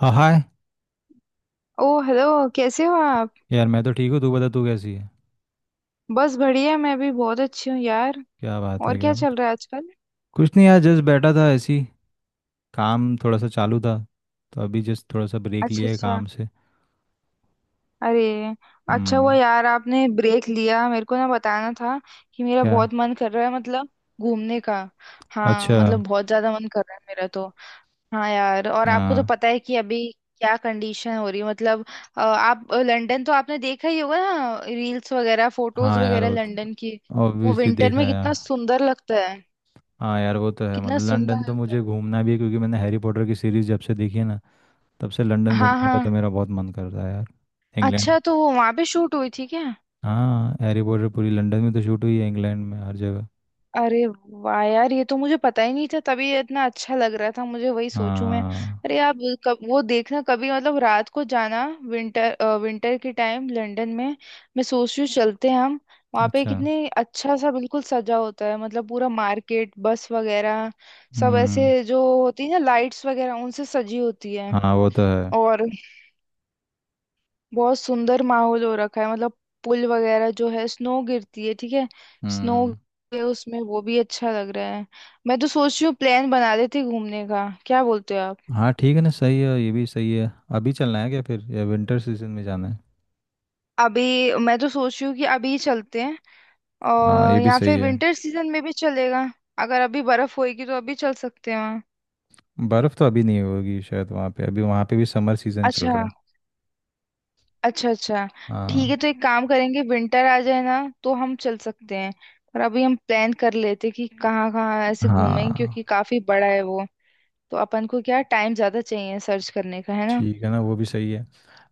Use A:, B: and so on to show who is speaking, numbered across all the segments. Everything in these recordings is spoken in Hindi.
A: हाँ, हाय।
B: ओ हेलो। कैसे हो आप?
A: यार मैं तो ठीक हूँ, तू बता तू कैसी है?
B: बस बढ़िया, मैं भी बहुत अच्छी हूँ यार।
A: क्या बात है
B: और क्या
A: क्या
B: चल
A: बात।
B: रहा है आजकल?
A: कुछ नहीं यार, जस्ट बैठा था ऐसे ही। काम थोड़ा सा चालू था तो अभी जस्ट थोड़ा सा ब्रेक
B: अच्छा
A: लिया है
B: अच्छा।
A: काम से।
B: अरे, अच्छा हुआ
A: हम्म।
B: यार आपने ब्रेक लिया। मेरे को ना बताना था कि मेरा
A: क्या?
B: बहुत मन कर रहा है, मतलब घूमने का। हाँ
A: अच्छा।
B: मतलब बहुत ज्यादा मन कर रहा है मेरा तो। हाँ यार, और आपको तो
A: हाँ,
B: पता है कि अभी क्या कंडीशन हो रही है, मतलब आप लंदन तो आपने देखा ही होगा ना, रील्स वगैरह फोटोज
A: हाँ यार
B: वगैरह
A: वो तो
B: लंदन की। वो
A: ऑब्वियसली
B: विंटर
A: देखा
B: में
A: है
B: कितना
A: हाँ।
B: सुंदर लगता है,
A: हाँ यार वो तो है,
B: कितना
A: मतलब लंदन
B: सुंदर
A: तो
B: लगता है।
A: मुझे घूमना भी है क्योंकि मैंने हैरी पॉटर की सीरीज जब से देखी है ना, तब से लंदन
B: हाँ
A: घूमने का तो
B: हाँ।
A: मेरा बहुत मन करता है यार। इंग्लैंड।
B: अच्छा तो वो वहां पे शूट हुई थी क्या?
A: हाँ हैरी पॉटर पूरी लंदन में तो शूट हुई है, इंग्लैंड में हर जगह।
B: अरे वाह यार, ये तो मुझे पता ही नहीं था, तभी ये इतना अच्छा लग रहा था, मुझे वही सोचूं मैं।
A: हाँ।
B: अरे आप वो कब वो देखना कभी, मतलब रात को जाना, विंटर, विंटर के टाइम लंदन में। मैं सोच रही हूँ चलते हैं हम। वहाँ पे
A: अच्छा।
B: कितने अच्छा सा बिल्कुल सजा होता है, मतलब पूरा मार्केट बस वगैरह, सब
A: हम्म।
B: ऐसे जो होती है ना लाइट्स वगैरह, उनसे सजी होती है।
A: हाँ वो तो है।
B: और बहुत सुंदर माहौल हो रखा है मतलब। पुल वगैरह जो है, स्नो गिरती है, ठीक है। स्नो
A: हम्म।
B: है उसमें, वो भी अच्छा लग रहा है। मैं तो सोच रही हूँ प्लान बना लेते हैं घूमने का, क्या बोलते हो आप?
A: हाँ ठीक है ना, सही है, ये भी सही है। अभी चलना है क्या फिर या विंटर सीजन में जाना है?
B: अभी मैं तो सोच रही हूँ कि अभी ही चलते हैं,
A: हाँ
B: और
A: ये भी
B: या
A: सही
B: फिर
A: है।
B: विंटर सीजन में भी चलेगा। अगर अभी बर्फ होएगी तो अभी चल सकते हैं वहाँ।
A: बर्फ़ तो अभी नहीं होगी शायद वहाँ पे, अभी वहाँ पे भी समर सीजन चल
B: अच्छा
A: रहा है।
B: अच्छा अच्छा। ठीक है,
A: हाँ।
B: तो एक काम करेंगे, विंटर आ जाए ना तो हम चल सकते हैं। पर अभी हम प्लान कर लेते हैं कि कहाँ कहाँ ऐसे घूमें, क्योंकि
A: हाँ
B: काफी बड़ा है वो। तो अपन को क्या टाइम ज्यादा चाहिए सर्च करने का, है ना।
A: ठीक है ना, वो भी सही है।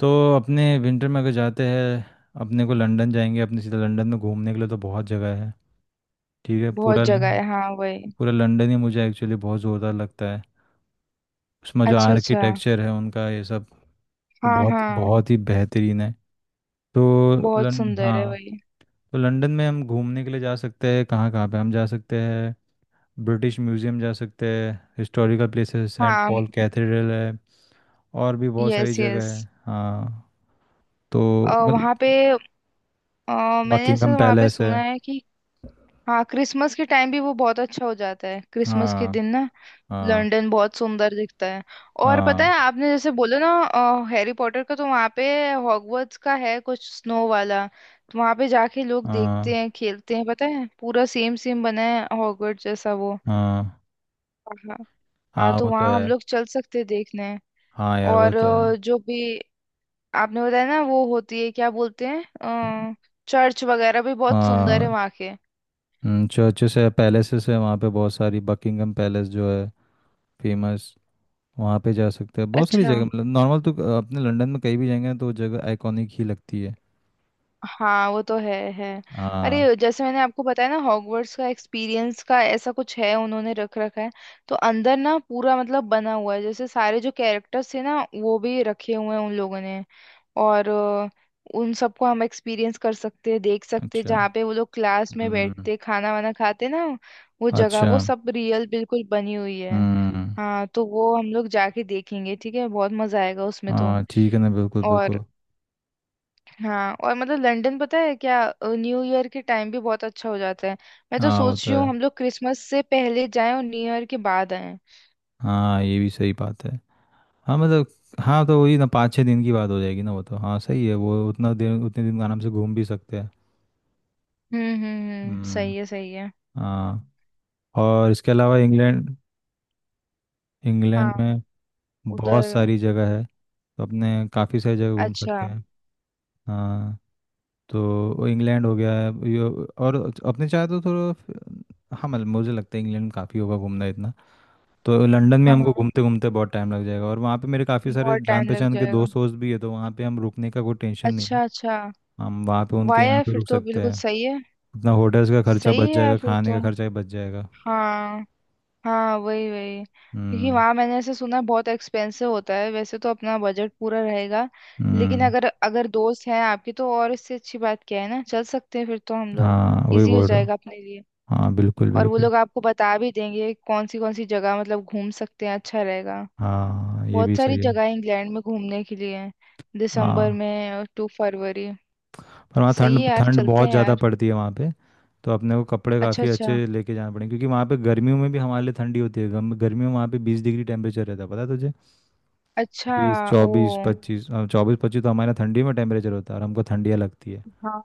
A: तो अपने विंटर में अगर जाते हैं अपने को लंदन जाएंगे, अपने सीधे लंदन में घूमने के लिए तो बहुत जगह है। ठीक है।
B: बहुत जगह है हाँ वही।
A: पूरा लंदन ही मुझे एक्चुअली बहुत ज़ोरदार लगता है। उसमें जो
B: अच्छा अच्छा।
A: आर्किटेक्चर है उनका ये सब वो
B: हाँ
A: बहुत
B: हाँ।
A: बहुत ही बेहतरीन है। तो
B: बहुत
A: लन
B: सुंदर है
A: हाँ,
B: वही।
A: तो लंदन में हम घूमने के लिए जा सकते हैं, कहाँ कहाँ पे हम जा सकते हैं? ब्रिटिश म्यूजियम जा सकते हैं, हिस्टोरिकल प्लेसेस सेंट
B: हाँ।
A: पॉल कैथेड्रल है, और भी बहुत सारी
B: यस यस।
A: जगह है हाँ। तो
B: वहाँ
A: मतलब
B: पे मैंने ऐसा
A: बकिंगम
B: वहाँ पे
A: पैलेस है।
B: सुना है कि हाँ क्रिसमस के टाइम भी वो बहुत अच्छा हो जाता है। क्रिसमस के
A: हाँ
B: दिन ना
A: हाँ
B: लंदन बहुत सुंदर दिखता है। और पता
A: हाँ।
B: है आपने जैसे बोला ना, हैरी पॉटर का तो वहाँ पे हॉगवर्ट्स का है कुछ स्नो वाला, तो वहाँ पे जाके लोग देखते
A: हाँ।
B: हैं खेलते हैं। पता है पूरा सेम सेम बना है हॉगवर्ट्स जैसा वो।
A: हाँ।
B: हाँ। हाँ
A: हाँ
B: तो
A: वो तो
B: वहाँ हम
A: है।
B: लोग चल सकते हैं देखने।
A: हाँ यार वो
B: और
A: तो है।
B: जो भी आपने बताया ना वो होती है क्या बोलते हैं, चर्च वगैरह भी बहुत सुंदर
A: हाँ।
B: है वहाँ के।
A: चर्चेस है, पैलेसेस है वहाँ पे बहुत सारी, बकिंगम पैलेस जो है फेमस, वहाँ पे जा सकते हैं, बहुत सारी
B: अच्छा।
A: जगह, मतलब नॉर्मल तो अपने लंदन में कहीं भी जाएंगे ना तो वो जगह आइकॉनिक ही लगती है।
B: हाँ वो तो है है।
A: हाँ।
B: अरे जैसे मैंने आपको बताया ना हॉगवर्ट्स का एक्सपीरियंस का ऐसा कुछ है, उन्होंने रख रखा है। तो अंदर ना पूरा मतलब बना हुआ है, जैसे सारे जो कैरेक्टर्स थे ना वो भी रखे हुए हैं उन लोगों ने। और उन सबको हम एक्सपीरियंस कर सकते हैं, देख सकते हैं
A: अच्छा।
B: जहाँ पे वो लोग क्लास में
A: हम्म।
B: बैठते खाना वाना खाते ना, वो जगह
A: अच्छा।
B: वो सब रियल बिल्कुल बनी हुई है।
A: हम्म।
B: हाँ तो वो हम लोग जाके देखेंगे। ठीक है, बहुत मजा आएगा उसमें तो।
A: हाँ ठीक है ना, बिल्कुल
B: और
A: बिल्कुल।
B: हाँ, और मतलब लंदन पता है क्या, न्यू ईयर के टाइम भी बहुत अच्छा हो जाता है। मैं तो
A: हाँ
B: सोच
A: होता
B: रही हूँ
A: है।
B: हम लोग क्रिसमस से पहले जाएं और न्यू ईयर के बाद आएं।
A: हाँ ये भी सही बात है। हाँ मतलब हाँ तो वही ना, 5-6 दिन की बात हो जाएगी ना, वो तो हाँ सही है, वो उतना दिन उतने दिन आराम से घूम भी सकते हैं। हम्म।
B: सही है सही है।
A: हाँ। और इसके अलावा इंग्लैंड,
B: हाँ।
A: इंग्लैंड में बहुत
B: उधर।
A: सारी जगह है, तो अपने काफ़ी सारी जगह घूम सकते
B: अच्छा।
A: हैं। हाँ। तो इंग्लैंड हो गया। और अपने चाहे तो थोड़ा, हाँ मतलब मुझे लगता है इंग्लैंड काफ़ी होगा घूमना इतना। तो लंदन में
B: हाँ
A: हमको
B: हाँ,
A: घूमते घूमते बहुत टाइम लग जाएगा, और वहाँ पे मेरे काफ़ी सारे
B: बहुत
A: जान
B: टाइम लग
A: पहचान के
B: जाएगा।
A: दोस्त वोस्त भी है, तो वहाँ पे हम रुकने का कोई टेंशन नहीं है।
B: अच्छा अच्छा।
A: हम वहाँ पे उनके यहाँ
B: वाया
A: पे
B: फिर
A: रुक
B: तो
A: सकते
B: बिल्कुल
A: हैं।
B: सही है।
A: अपना होटल्स का खर्चा
B: सही
A: बच
B: है यार
A: जाएगा,
B: फिर
A: खाने
B: तो।
A: का खर्चा ही बच जाएगा।
B: हाँ। हाँ वही वही। क्योंकि
A: हम्म।
B: वहाँ मैंने ऐसे सुना है बहुत एक्सपेंसिव होता है, वैसे तो अपना बजट पूरा रहेगा, लेकिन
A: हम्म।
B: अगर अगर दोस्त हैं आपके तो, और इससे अच्छी बात क्या है ना, चल सकते हैं फिर तो हम लोग।
A: हाँ वही
B: इजी हो
A: बोल रहा हूँ।
B: जाएगा अपने लिए।
A: हाँ बिल्कुल
B: और वो
A: बिल्कुल।
B: लोग आपको बता भी देंगे कौन सी जगह मतलब घूम सकते हैं, अच्छा रहेगा।
A: हाँ ये भी
B: बहुत सारी
A: सही है।
B: जगह है इंग्लैंड में घूमने के लिए हैं, दिसंबर
A: हाँ।
B: में और टू फरवरी।
A: पर वहाँ
B: सही है
A: ठंड
B: यार,
A: ठंड
B: चलते
A: बहुत
B: हैं
A: ज़्यादा
B: यार।
A: पड़ती है वहाँ पे, तो अपने को कपड़े
B: अच्छा
A: काफ़ी
B: अच्छा
A: अच्छे लेके जाना पड़ेंगे, क्योंकि वहाँ पे गर्मियों में भी हमारे लिए ठंडी होती है, गर्मियों में वहाँ पे 20 डिग्री टेम्परेचर रहता है, पता है तुझे?
B: अच्छा।
A: बीस चौबीस
B: ओ।
A: पच्चीस 24, 25 तो हमारे यहाँ ठंडी में टेम्परेचर होता है, और हमको ठंडियाँ लगती है।
B: हाँ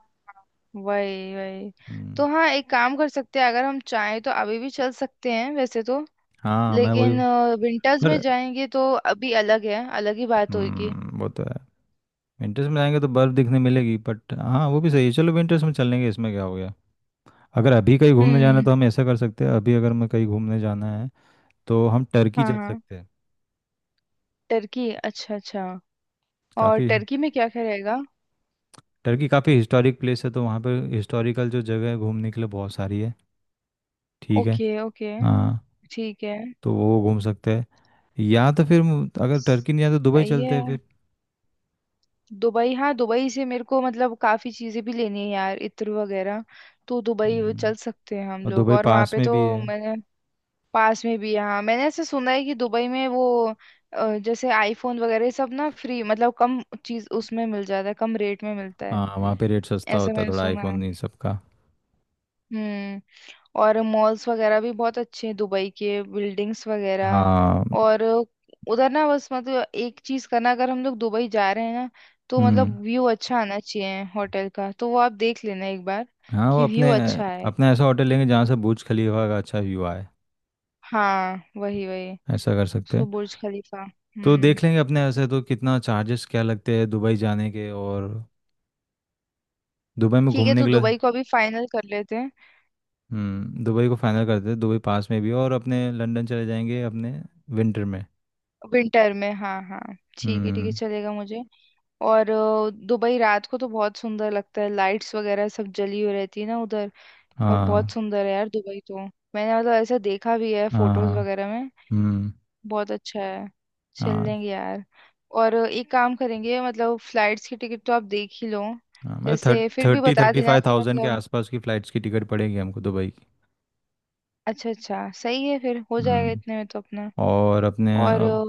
B: वही वही।
A: हम्म।
B: तो हाँ एक काम कर सकते हैं, अगर हम चाहें तो अभी भी चल सकते हैं वैसे तो,
A: हाँ मैं वही।
B: लेकिन विंटर्स में
A: पर।
B: जाएंगे तो अभी अलग है, अलग ही बात होगी।
A: वो तो है। विंटर्स में जाएंगे तो बर्फ़ दिखने मिलेगी, बट हाँ वो भी सही है, चलो विंटर्स में चलेंगे, इसमें क्या हो गया। अगर अभी कहीं घूमने जाना है
B: हम्म।
A: तो हम ऐसा कर सकते हैं, अभी अगर मैं कहीं घूमने जाना है तो हम टर्की
B: हाँ
A: जा
B: हाँ।
A: सकते हैं।
B: टर्की, अच्छा अच्छा। और
A: काफ़ी।
B: टर्की में क्या क्या रहेगा?
A: टर्की काफ़ी हिस्टोरिक प्लेस है, तो वहाँ पर हिस्टोरिकल जो जगह है घूमने के लिए बहुत सारी है। ठीक है।
B: Okay okay.
A: हाँ
B: ठीक है।
A: तो वो घूम सकते हैं। या तो फिर अगर टर्की नहीं आया तो दुबई
B: सही
A: चलते हैं
B: है।
A: फिर।
B: दुबई, हाँ दुबई से मेरे को मतलब काफी चीजें भी लेनी है यार, इत्र वगैरह। तो दुबई वो
A: हम्म।
B: चल सकते हैं हम
A: और
B: लोग,
A: दुबई
B: और वहाँ
A: पास
B: पे
A: में भी
B: तो
A: है।
B: मैंने, पास में भी हाँ। मैंने ऐसे सुना है कि दुबई में वो, जैसे आईफोन वगैरह सब ना फ्री, मतलब कम चीज उसमें मिल जाता है, कम रेट में मिलता है,
A: हाँ वहाँ पे रेट सस्ता
B: ऐसा
A: होता है
B: मैंने
A: थोड़ा
B: सुना है।
A: आईफोन इन सब का।
B: हम्म। और मॉल्स वगैरह भी बहुत अच्छे हैं दुबई के, बिल्डिंग्स वगैरह।
A: हाँ।
B: और उधर ना बस मतलब एक चीज करना, अगर हम लोग दुबई जा रहे हैं ना, तो
A: हम्म।
B: मतलब व्यू अच्छा आना चाहिए होटल का, तो वो आप देख लेना एक बार
A: हाँ वो
B: कि व्यू
A: अपने,
B: अच्छा है।
A: अपना ऐसा होटल लेंगे जहाँ से बुर्ज खलीफा का अच्छा व्यू आए,
B: हाँ वही वही।
A: ऐसा कर सकते
B: उसको
A: हैं।
B: बुर्ज खलीफा।
A: तो
B: हम्म।
A: देख लेंगे अपने ऐसे तो कितना चार्जेस क्या लगते हैं दुबई जाने के, और दुबई में
B: ठीक है,
A: घूमने
B: तो
A: के लिए।
B: दुबई को अभी फाइनल कर लेते हैं।
A: हम्म, दुबई को फाइनल करते हैं, दुबई पास में भी है और अपने लंदन चले जाएंगे अपने विंटर में।
B: विंटर में हाँ हाँ, ठीक है ठीक है,
A: हम्म।
B: चलेगा मुझे। और दुबई रात को तो बहुत सुंदर लगता है, लाइट्स वगैरह सब जली हुई रहती है ना उधर। और बहुत
A: हाँ।
B: सुंदर है यार दुबई तो, मैंने मतलब ऐसा देखा भी है
A: हाँ।
B: फोटोज
A: हाँ।
B: वगैरह में।
A: हम्म।
B: बहुत अच्छा है, चल
A: हाँ।
B: लेंगे यार। और एक काम करेंगे, मतलब फ्लाइट्स की टिकट तो आप देख ही लो,
A: हाँ मतलब
B: जैसे फिर भी
A: थर्टी
B: बता
A: थर्टी
B: देना
A: फाइव
B: कि
A: थाउजेंड के
B: मतलब,
A: आसपास की फ़्लाइट्स की टिकट पड़ेगी हमको दुबई की।
B: अच्छा अच्छा सही है, फिर हो जाएगा
A: हम्म।
B: इतने में तो अपना।
A: और अपने
B: और
A: अब-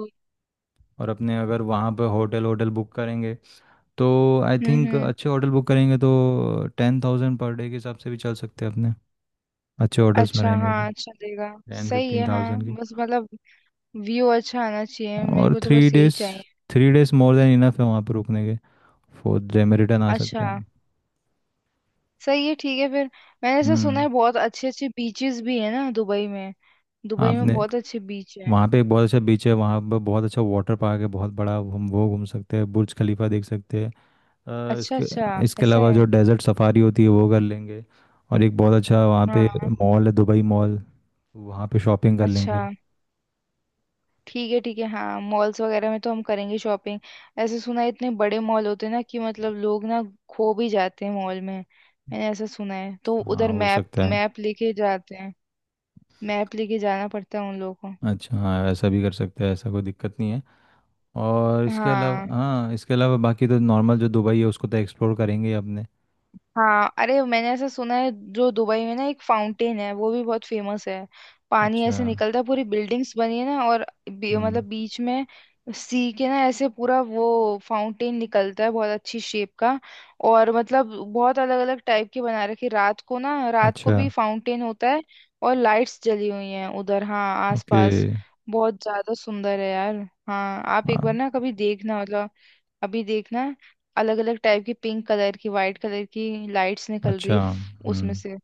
A: और अपने अगर वहाँ पे होटल होटल बुक करेंगे, तो आई थिंक
B: हम्म।
A: अच्छे होटल बुक करेंगे तो 10,000 पर डे के हिसाब से भी चल सकते हैं अपने। अच्छे होटल्स में
B: अच्छा
A: रहेंगे तो
B: हाँ चलेगा।
A: टेन
B: सही
A: फिफ्टीन
B: है
A: थाउजेंड
B: हाँ,
A: की।
B: बस मतलब व्यू अच्छा आना चाहिए मेरे
A: और
B: को, तो
A: थ्री
B: बस यही
A: डेज
B: चाहिए।
A: 3 डेज मोर देन इनफ है वहाँ पे रुकने के, 4th डे में रिटर्न आ सकते
B: अच्छा।
A: हैं हम।
B: सही है ठीक है फिर। मैंने ऐसा सुना
A: हम्म।
B: है बहुत अच्छे अच्छे बीचेस भी है ना दुबई में, दुबई में
A: आपने।
B: बहुत अच्छे बीच है।
A: वहाँ पे एक बहुत अच्छा बीच है, वहाँ पे बहुत अच्छा वाटर पार्क है बहुत बड़ा, हम वो घूम सकते हैं, बुर्ज खलीफा देख सकते हैं। अ,
B: अच्छा
A: इसके
B: अच्छा
A: इसके
B: ऐसा
A: अलावा
B: है।
A: जो डेजर्ट सफारी होती है वो कर लेंगे। और एक बहुत अच्छा वहाँ पे
B: हाँ।
A: मॉल है, दुबई मॉल, वहाँ पे शॉपिंग कर
B: अच्छा।
A: लेंगे।
B: ठीक है ठीक है, हाँ मॉल्स वगैरह में तो हम करेंगे शॉपिंग। ऐसे सुना है इतने बड़े मॉल होते हैं ना, कि मतलब लोग ना खो भी जाते हैं मॉल में, मैंने ऐसा सुना है। तो
A: हाँ
B: उधर
A: हो
B: मैप
A: सकता है।
B: मैप लेके जाते हैं, मैप लेके जाना पड़ता है उन लोगों को।
A: अच्छा हाँ ऐसा भी कर सकते हैं, ऐसा कोई दिक्कत नहीं है। और इसके
B: हाँ
A: अलावा, हाँ इसके अलावा बाकी तो नॉर्मल जो दुबई है उसको तो एक्सप्लोर करेंगे ही अपने।
B: हाँ, अरे मैंने ऐसा सुना है, जो दुबई में ना एक फाउंटेन है वो भी बहुत फेमस है। पानी
A: अच्छा।
B: ऐसे निकलता है, पूरी बिल्डिंग्स बनी है ना, और मतलब
A: हम्म।
B: बीच में सी के ना, ऐसे पूरा वो फाउंटेन निकलता है, बहुत अच्छी शेप का। और मतलब बहुत अलग अलग टाइप के बना रखे, रात को ना, रात को
A: अच्छा।
B: भी फाउंटेन होता है। और लाइट्स जली हुई हैं उधर हाँ,
A: ओके।
B: आसपास। बहुत ज्यादा सुंदर है यार। हाँ आप एक बार ना कभी देखना, मतलब अभी देखना। अलग अलग टाइप की पिंक कलर की वाइट कलर की लाइट्स निकल रही
A: अच्छा।
B: है उसमें
A: हम्म।
B: से,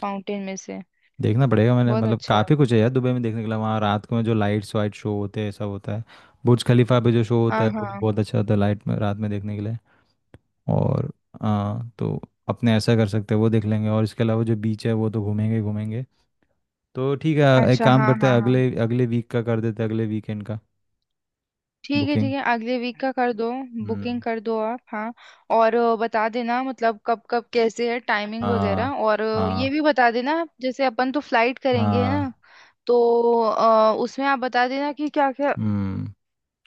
B: फाउंटेन में से।
A: देखना पड़ेगा मैंने,
B: बहुत
A: मतलब
B: अच्छा है।
A: काफ़ी कुछ है यार दुबई में देखने के लिए, वहाँ रात को में जो लाइट्स वाइट शो होते हैं सब होता है। बुर्ज खलीफा पे जो शो होता
B: हाँ
A: है वो भी
B: हाँ।
A: बहुत अच्छा होता है लाइट में रात में देखने के लिए। और हाँ तो अपने ऐसा कर सकते हैं, वो देख लेंगे, और इसके अलावा जो बीच है वो तो घूमेंगे ही घूमेंगे। तो ठीक है, एक
B: अच्छा
A: काम
B: हाँ
A: करते हैं
B: हाँ हाँ।
A: अगले अगले वीक का कर देते हैं, अगले वीकेंड का,
B: ठीक है ठीक
A: बुकिंग।
B: है, अगले वीक का कर दो। बुकिंग
A: हम्म।
B: कर दो आप हाँ। और बता देना मतलब कब कब कैसे है टाइमिंग
A: हाँ।
B: वगैरह, और ये
A: हाँ।
B: भी बता देना जैसे अपन तो फ्लाइट करेंगे है ना,
A: हाँ।
B: तो उसमें आप बता देना कि क्या क्या,
A: हम्म।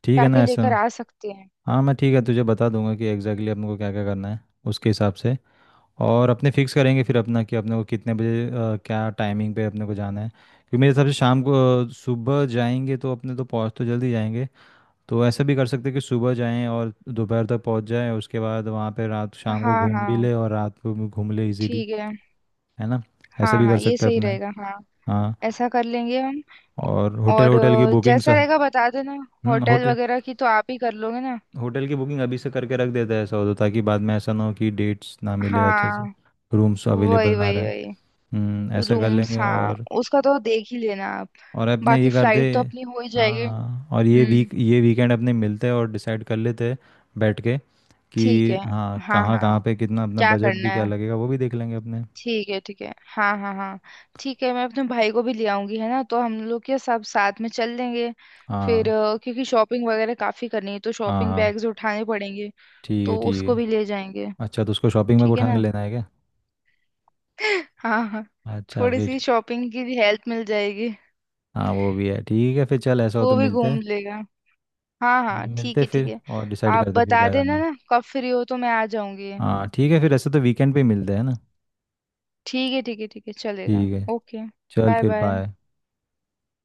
A: ठीक
B: क्या
A: है ना
B: क्या
A: ऐसा।
B: लेकर आ सकते हैं।
A: हाँ मैं ठीक है तुझे बता दूंगा कि एग्जैक्टली अपने को क्या क्या करना है, उसके हिसाब से। और अपने फिक्स करेंगे फिर अपना कि अपने को कितने बजे, क्या टाइमिंग पे अपने को जाना है, क्योंकि मेरे हिसाब से शाम को, सुबह जाएंगे तो अपने तो पहुंच तो जल्दी जाएंगे। तो ऐसा भी कर सकते हैं कि सुबह जाएं और दोपहर तक पहुंच जाएं, उसके बाद वहां पे रात शाम को
B: हाँ
A: घूम भी
B: हाँ।
A: ले और रात को भी घूम ले इजीली।
B: ठीक है।
A: है ना। ऐसा
B: हाँ
A: भी कर
B: हाँ ये
A: सकते हैं
B: सही
A: अपने।
B: रहेगा हाँ।
A: हाँ।
B: ऐसा कर लेंगे हम।
A: और होटल
B: और
A: होटल की बुकिंग सा।
B: जैसा रहेगा बता देना,
A: हम्म,
B: होटल
A: होटल
B: वगैरह की तो आप ही कर लोगे ना।
A: होटल की बुकिंग अभी से करके रख देते हैं ऐसा हो तो, ताकि बाद में ऐसा ना हो कि डेट्स ना मिले अच्छे
B: हाँ
A: से, रूम्स
B: वही
A: अवेलेबल ना
B: वही
A: रहे।
B: वही।
A: हम्म, ऐसा कर लेंगे।
B: रूम्स हाँ, उसका तो देख ही लेना आप,
A: और अपने
B: बाकी
A: ये करते
B: फ्लाइट तो अपनी हो ही जाएगी।
A: हाँ, और ये
B: हम्म।
A: वीक ये वीकेंड अपने मिलते और डिसाइड कर लेते हैं बैठ के, कि
B: ठीक है।
A: हाँ
B: हाँ
A: कहाँ कहाँ
B: हाँ,
A: पे कितना अपना
B: क्या
A: बजट
B: करना
A: भी क्या
B: है।
A: लगेगा वो भी देख लेंगे अपने।
B: ठीक है ठीक है हाँ हाँ हाँ। ठीक है, मैं अपने भाई को भी ले आऊंगी है ना, तो हम लोग क्या सब साथ में चल लेंगे फिर।
A: हाँ।
B: क्योंकि शॉपिंग वगैरह काफी करनी है, तो
A: हाँ।
B: शॉपिंग
A: हाँ।
B: बैग्स उठाने पड़ेंगे,
A: ठीक है।
B: तो
A: ठीक
B: उसको
A: है।
B: भी ले जाएंगे,
A: अच्छा तो उसको शॉपिंग में
B: ठीक है
A: उठा के
B: ना।
A: लेना है क्या?
B: हाँ हाँ,
A: अच्छा
B: थोड़ी सी
A: फिर।
B: शॉपिंग की भी हेल्प मिल जाएगी,
A: हाँ वो भी है, ठीक है फिर चल, ऐसा हो
B: वो
A: तो
B: भी
A: मिलते
B: घूम
A: हैं।
B: लेगा। हाँ हाँ
A: मिलते
B: ठीक
A: हैं
B: है ठीक
A: फिर
B: है।
A: और डिसाइड
B: आप
A: करते हैं फिर
B: बता
A: क्या करना
B: देना
A: है।
B: ना कब फ्री हो तो मैं आ जाऊंगी।
A: हाँ ठीक है, फिर ऐसे तो वीकेंड पे ही मिलते हैं ना।
B: ठीक है ठीक है ठीक है, चलेगा
A: ठीक है।
B: ओके।
A: चल
B: बाय
A: फिर
B: बाय।
A: बाय।